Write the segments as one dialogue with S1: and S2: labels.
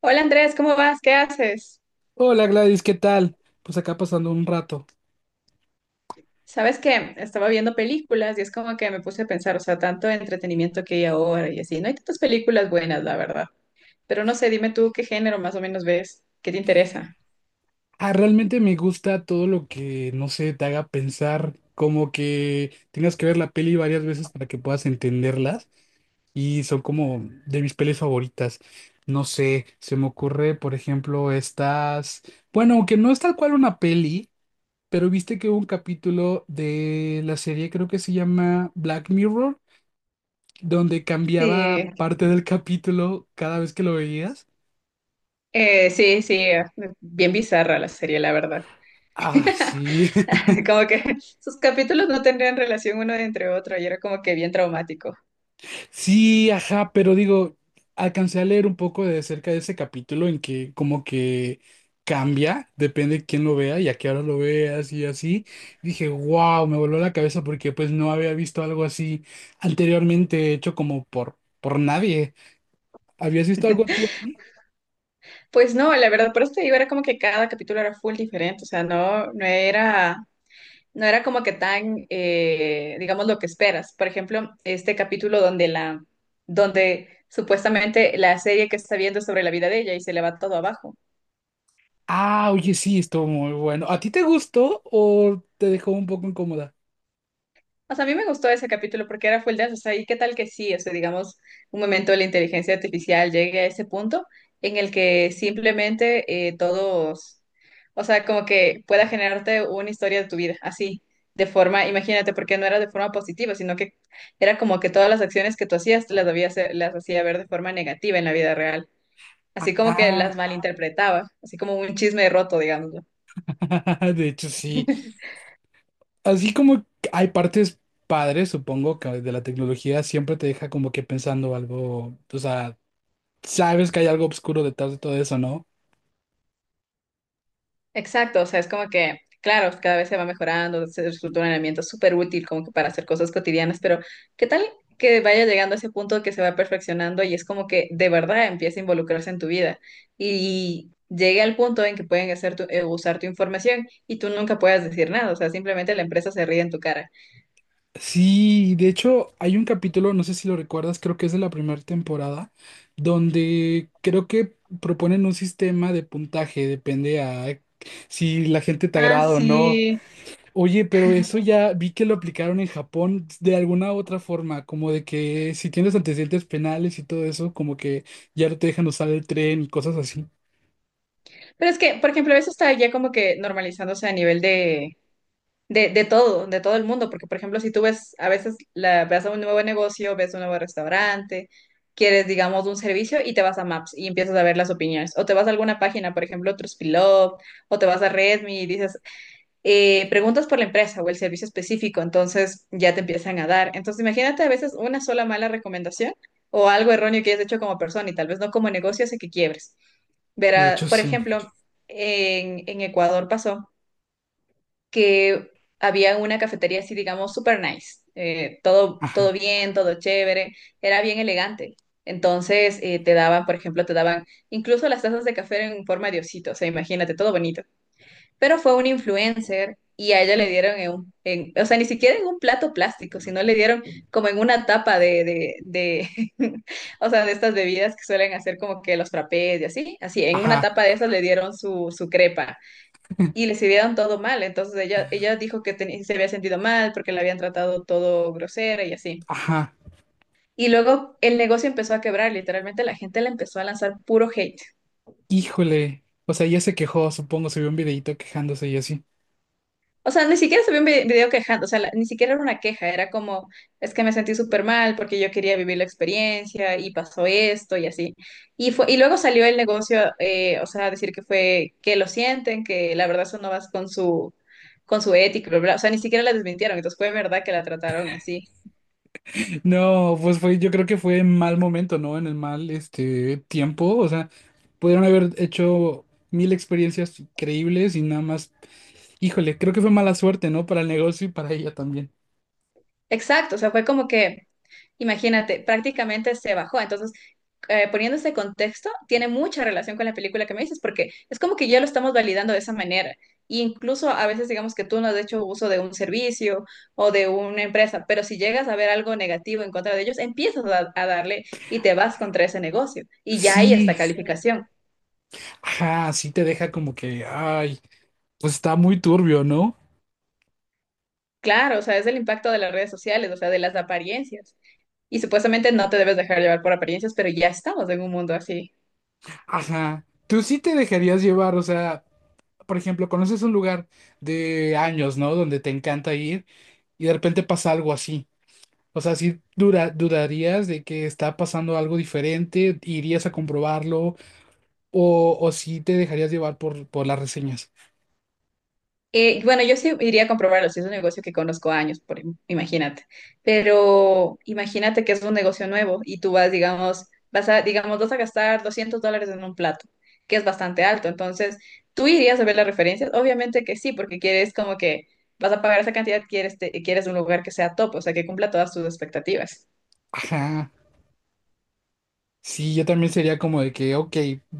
S1: Hola Andrés, ¿cómo vas? ¿Qué haces?
S2: Hola Gladys, ¿qué tal? Pues acá pasando un rato.
S1: Sabes que estaba viendo películas y es como que me puse a pensar, o sea, tanto entretenimiento que hay ahora y así. No hay tantas películas buenas, la verdad. Pero no sé, dime tú qué género más o menos ves, qué te interesa.
S2: Ah, realmente me gusta todo lo que no sé, te haga pensar, como que tengas que ver la peli varias veces para que puedas entenderlas y son como de mis pelis favoritas. No sé, se me ocurre, por ejemplo, estas, bueno, aunque no es tal cual una peli, pero viste que hubo un capítulo de la serie, creo que se llama Black Mirror, donde cambiaba
S1: Sí,
S2: parte del capítulo cada vez que lo veías.
S1: sí, sí, bien bizarra la serie, la verdad.
S2: Ay, sí.
S1: Como que sus capítulos no tendrían relación uno entre otro y era como que bien traumático.
S2: Sí, ajá, pero digo, alcancé a leer un poco de cerca de ese capítulo en que como que cambia, depende de quién lo vea y a qué hora lo veas y así. Dije, wow, me voló la cabeza porque pues no había visto algo así anteriormente hecho como por nadie. ¿Habías visto algo tú así?
S1: Pues no, la verdad, por eso te digo, era como que cada capítulo era full diferente, o sea, no, no era como que tan, digamos, lo que esperas. Por ejemplo, este capítulo donde supuestamente la serie que está viendo es sobre la vida de ella y se le va todo abajo.
S2: Ah, oye, sí, estuvo muy bueno. ¿A ti te gustó o te dejó un poco incómoda?
S1: O sea, a mí me gustó ese capítulo porque era full dance, o sea, y qué tal que sí, o sea, digamos, un momento de la inteligencia artificial llegue a ese punto en el que simplemente todos, o sea, como que pueda generarte una historia de tu vida, así, de forma, imagínate, porque no era de forma positiva, sino que era como que todas las acciones que tú hacías las hacía ver de forma negativa en la vida real, así como que
S2: Ajá,
S1: las malinterpretaba, así como un chisme roto, digamos. ¿No?
S2: de hecho sí. Así como hay partes padres, supongo que de la tecnología siempre te deja como que pensando algo, o sea, sabes que hay algo oscuro detrás de todo eso, ¿no?
S1: Exacto, o sea, es como que, claro, cada vez se va mejorando, se resulta un herramienta súper útil como que para hacer cosas cotidianas, pero ¿qué tal que vaya llegando a ese punto que se va perfeccionando y es como que de verdad empieza a involucrarse en tu vida y llegue al punto en que pueden usar tu información y tú nunca puedas decir nada, o sea, simplemente la empresa se ríe en tu cara.
S2: Sí, de hecho hay un capítulo, no sé si lo recuerdas, creo que es de la primera temporada, donde creo que proponen un sistema de puntaje, depende a si la gente te
S1: Ah,
S2: agrada o no.
S1: sí.
S2: Oye, pero eso ya vi que lo aplicaron en Japón de alguna otra forma, como de que si tienes antecedentes penales y todo eso, como que ya no te dejan usar el tren y cosas así.
S1: Pero es que, por ejemplo, eso está ya como que normalizándose a nivel de todo el mundo, porque por ejemplo, si tú ves, a veces ves a un nuevo negocio, ves un nuevo restaurante, quieres, digamos, un servicio y te vas a Maps y empiezas a ver las opiniones, o te vas a alguna página, por ejemplo, Trustpilot, o te vas a Redmi y dices, preguntas por la empresa o el servicio específico, entonces ya te empiezan a dar. Entonces, imagínate a veces una sola mala recomendación o algo erróneo que hayas hecho como persona y tal vez no como negocio hace que quiebres.
S2: De
S1: Verá,
S2: hecho,
S1: por
S2: sí.
S1: ejemplo, en Ecuador pasó que había una cafetería así, digamos, super nice. Todo
S2: Ajá,
S1: bien, todo chévere, era bien elegante. Entonces te daban, por ejemplo, te daban incluso las tazas de café en forma de osito, o sea, imagínate, todo bonito. Pero fue un influencer y a ella le dieron o sea, ni siquiera en un plato plástico, sino le dieron como en una tapa de, o sea, de estas bebidas que suelen hacer como que los frappés y así, así, en una
S2: ajá,
S1: tapa de esas le dieron su crepa y le sirvieron todo mal. Entonces ella dijo que se había sentido mal porque la habían tratado todo grosera y así.
S2: ajá.
S1: Y luego el negocio empezó a quebrar, literalmente la gente le empezó a lanzar puro hate.
S2: Híjole. O sea, ella se quejó, supongo, subió un videito quejándose y así.
S1: O sea, ni siquiera se vio un video quejando, o sea, ni siquiera era una queja, era como, es que me sentí súper mal porque yo quería vivir la experiencia y pasó esto y así. Y luego salió el negocio, o sea, a decir que fue, que lo sienten, que la verdad eso no va con su ética, bla, bla, bla. O sea, ni siquiera la desmintieron, entonces fue verdad que la trataron así.
S2: No, pues fue, yo creo que fue en mal momento, ¿no? En el mal, este, tiempo. O sea, pudieron haber hecho mil experiencias increíbles y nada más. Híjole, creo que fue mala suerte, ¿no? Para el negocio y para ella también.
S1: Exacto, o sea, fue como que, imagínate, prácticamente se bajó. Entonces, poniendo ese contexto, tiene mucha relación con la película que me dices, porque es como que ya lo estamos validando de esa manera. Y incluso a veces digamos que tú no has hecho uso de un servicio o de una empresa, pero si llegas a ver algo negativo en contra de ellos, empiezas a darle y te vas contra ese negocio. Y ya hay esta,
S2: Sí,
S1: sí, calificación.
S2: ajá, sí te deja como que, ay, pues está muy turbio, ¿no?
S1: Claro, o sea, es el impacto de las redes sociales, o sea, de las apariencias. Y supuestamente no te debes dejar llevar por apariencias, pero ya estamos en un mundo así.
S2: Ajá, tú sí te dejarías llevar, o sea, por ejemplo, conoces un lugar de años, ¿no? Donde te encanta ir y de repente pasa algo así. O sea, dudarías de que está pasando algo diferente, irías a comprobarlo o sí te dejarías llevar por las reseñas.
S1: Bueno, yo sí iría a comprobarlo, si es un negocio que conozco años, por, imagínate. Pero imagínate que es un negocio nuevo y tú vas, digamos, vas a gastar $200 en un plato, que es bastante alto. Entonces, ¿tú irías a ver las referencias? Obviamente que sí, porque quieres como que vas a pagar esa cantidad, quieres un lugar que sea top, o sea, que cumpla todas tus expectativas.
S2: Ajá. Sí, yo también sería como de que, ok,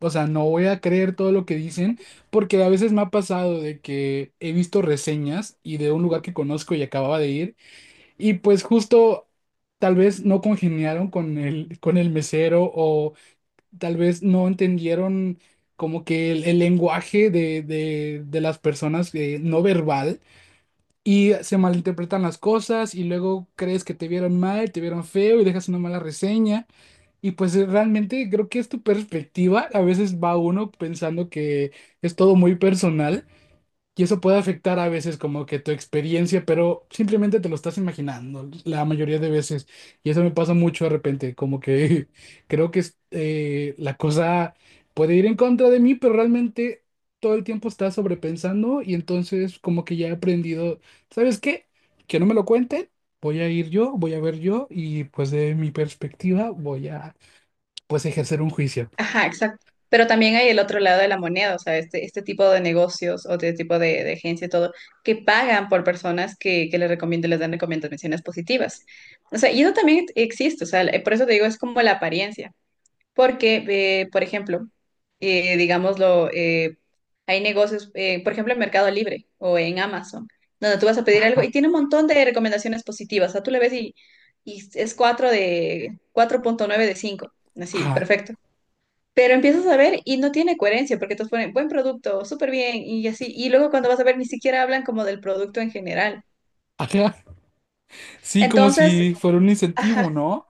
S2: o sea, no voy a creer todo lo que dicen, porque a veces me ha pasado de que he visto reseñas y de un lugar que conozco y acababa de ir, y pues justo tal vez no congeniaron con con el mesero o tal vez no entendieron como que el lenguaje de las personas no verbal y se malinterpretan las cosas y luego crees que te vieron mal, te vieron feo y dejas una mala reseña. Y pues realmente creo que es tu perspectiva. A veces va uno pensando que es todo muy personal y eso puede afectar a veces como que tu experiencia, pero simplemente te lo estás imaginando la mayoría de veces. Y eso me pasa mucho de repente, como que creo que es la cosa puede ir en contra de mí, pero realmente todo el tiempo estás sobrepensando y entonces como que ya he aprendido, ¿sabes qué? Que no me lo cuenten. Voy a ir yo, voy a ver yo y pues de mi perspectiva voy a pues ejercer un juicio.
S1: Ajá, exacto. Pero también hay el otro lado de la moneda, o sea, este tipo de negocios o este tipo de agencia y todo, que pagan por personas que les recomiendan, les dan recomendaciones positivas. O sea, y eso también existe, o sea, por eso te digo, es como la apariencia. Porque, por ejemplo, digámoslo, hay negocios, por ejemplo, en Mercado Libre o en Amazon, donde tú vas a pedir algo y
S2: Ajá,
S1: tiene un montón de recomendaciones positivas. O sea, tú le ves y es 4 de 4.9 de cinco. Así,
S2: ajá,
S1: perfecto. Pero empiezas a ver y no tiene coherencia porque te ponen buen producto, súper bien y así. Y luego cuando vas a ver, ni siquiera hablan como del producto en general.
S2: ajá. Sí, como
S1: Entonces,
S2: si fuera un
S1: ajá,
S2: incentivo, ¿no?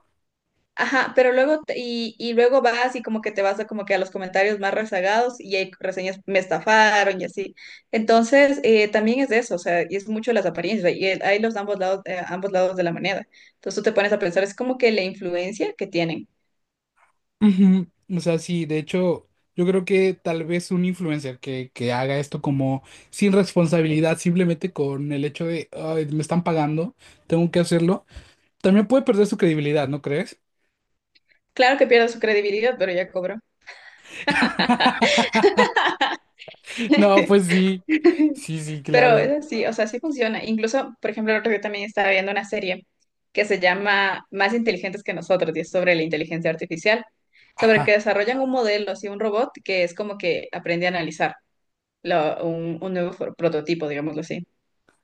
S1: ajá, pero luego, y luego vas y como que te vas a como que a los comentarios más rezagados y hay reseñas, me estafaron y así. Entonces, también es de eso, o sea, y es mucho las apariencias, y el- hay los ambos lados de la moneda. Entonces tú te pones a pensar, es como que la influencia que tienen.
S2: Ujú. O sea, sí, de hecho, yo creo que tal vez un influencer que haga esto como sin responsabilidad, simplemente con el hecho de, "Ay, me están pagando, tengo que hacerlo, también puede perder su credibilidad, ¿no crees?
S1: Claro que pierde su credibilidad, pero ya cobró.
S2: No, pues sí, sí, sí,
S1: Pero es
S2: claro.
S1: así, o sea, sí funciona. Incluso, por ejemplo, el otro día también estaba viendo una serie que se llama Más inteligentes que nosotros y es sobre la inteligencia artificial, sobre que
S2: Ajá,
S1: desarrollan un modelo, así un robot que es como que aprende a analizar un nuevo prototipo, digámoslo así.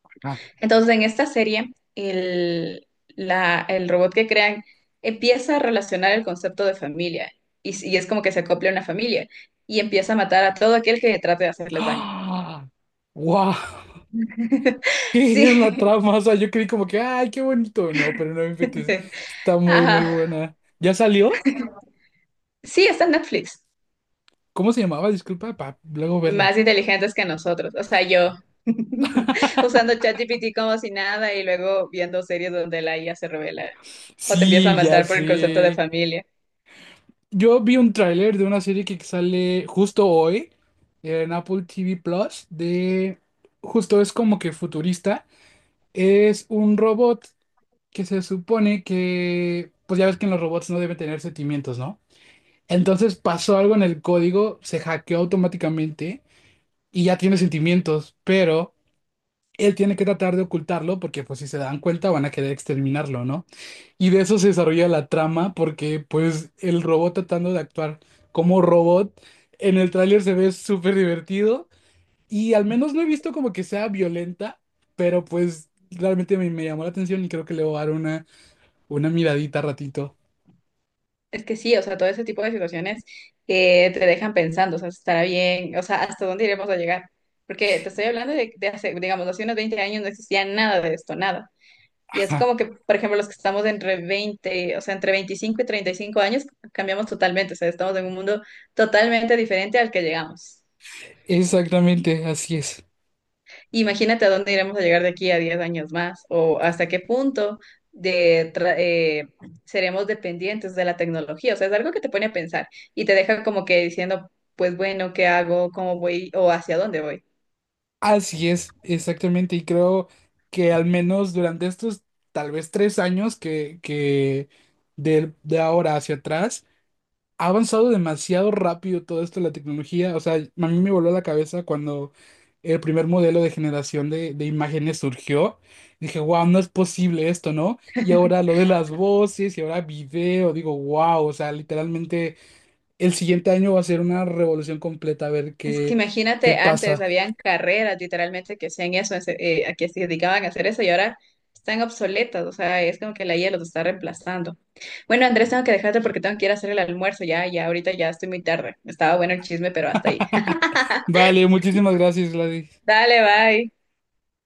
S2: ajá.
S1: Entonces, en esta serie, el robot que crean empieza a relacionar el concepto de familia y, y es como que se acopla a una familia y empieza a matar a todo aquel que trate de hacerles daño.
S2: ¡Ah! ¡Guau! ¿Qué era la
S1: Sí,
S2: trama? O sea, yo creí como que, ay, qué bonito. No, pero no me inventes. Está muy, muy
S1: Ajá.
S2: buena. ¿Ya salió?
S1: Sí, está en Netflix.
S2: ¿Cómo se llamaba? Disculpa, para luego verla.
S1: Más inteligentes que nosotros. O sea, yo usando ChatGPT como si nada y luego viendo series donde la IA se revela o te empieza a
S2: Sí, ya
S1: matar por el concepto de
S2: sé.
S1: familia.
S2: Yo vi un tráiler de una serie que sale justo hoy en Apple TV Plus de... Justo es como que futurista. Es un robot que se supone que... Pues ya ves que en los robots no deben tener sentimientos, ¿no? Entonces pasó algo en el código, se hackeó automáticamente y ya tiene sentimientos, pero él tiene que tratar de ocultarlo porque pues si se dan cuenta van a querer exterminarlo, ¿no? Y de eso se desarrolla la trama porque pues el robot tratando de actuar como robot en el tráiler se ve súper divertido y al menos no he visto como que sea violenta, pero pues realmente me llamó la atención y creo que le voy a dar una miradita ratito.
S1: Es que sí, o sea, todo ese tipo de situaciones que te dejan pensando, o sea, estará bien, o sea, hasta dónde iremos a llegar. Porque te estoy hablando de, hace, digamos, hace unos 20 años no existía nada de esto, nada. Y es
S2: Ajá,
S1: como que, por ejemplo, los que estamos entre 20 o sea, entre 25 y 35 años, cambiamos totalmente, o sea, estamos en un mundo totalmente diferente al que llegamos.
S2: exactamente, así es.
S1: Imagínate a dónde iremos a llegar de aquí a 10 años más o hasta qué punto de seremos dependientes de la tecnología. O sea, es algo que te pone a pensar y te deja como que diciendo, pues bueno, ¿qué hago? ¿Cómo voy? ¿O hacia dónde voy?
S2: Así es, exactamente, y creo que al menos durante estos tal vez 3 años que de ahora hacia atrás, ha avanzado demasiado rápido todo esto de la tecnología. O sea, a mí me voló la cabeza cuando el primer modelo de generación de imágenes surgió. Dije, wow, no es posible esto, ¿no? Y ahora lo de las voces y ahora video, digo, wow, o sea, literalmente el siguiente año va a ser una revolución completa a ver
S1: Es que
S2: qué
S1: imagínate, antes
S2: pasa.
S1: habían carreras literalmente que hacían eso, a que se dedicaban a hacer eso y ahora están obsoletas. O sea, es como que la IA los está reemplazando. Bueno, Andrés, tengo que dejarte porque tengo que ir a hacer el almuerzo. Ya, ya, ahorita ya estoy muy tarde. Estaba bueno el chisme, pero hasta ahí.
S2: Vale, muchísimas gracias, Gladys.
S1: Dale, bye.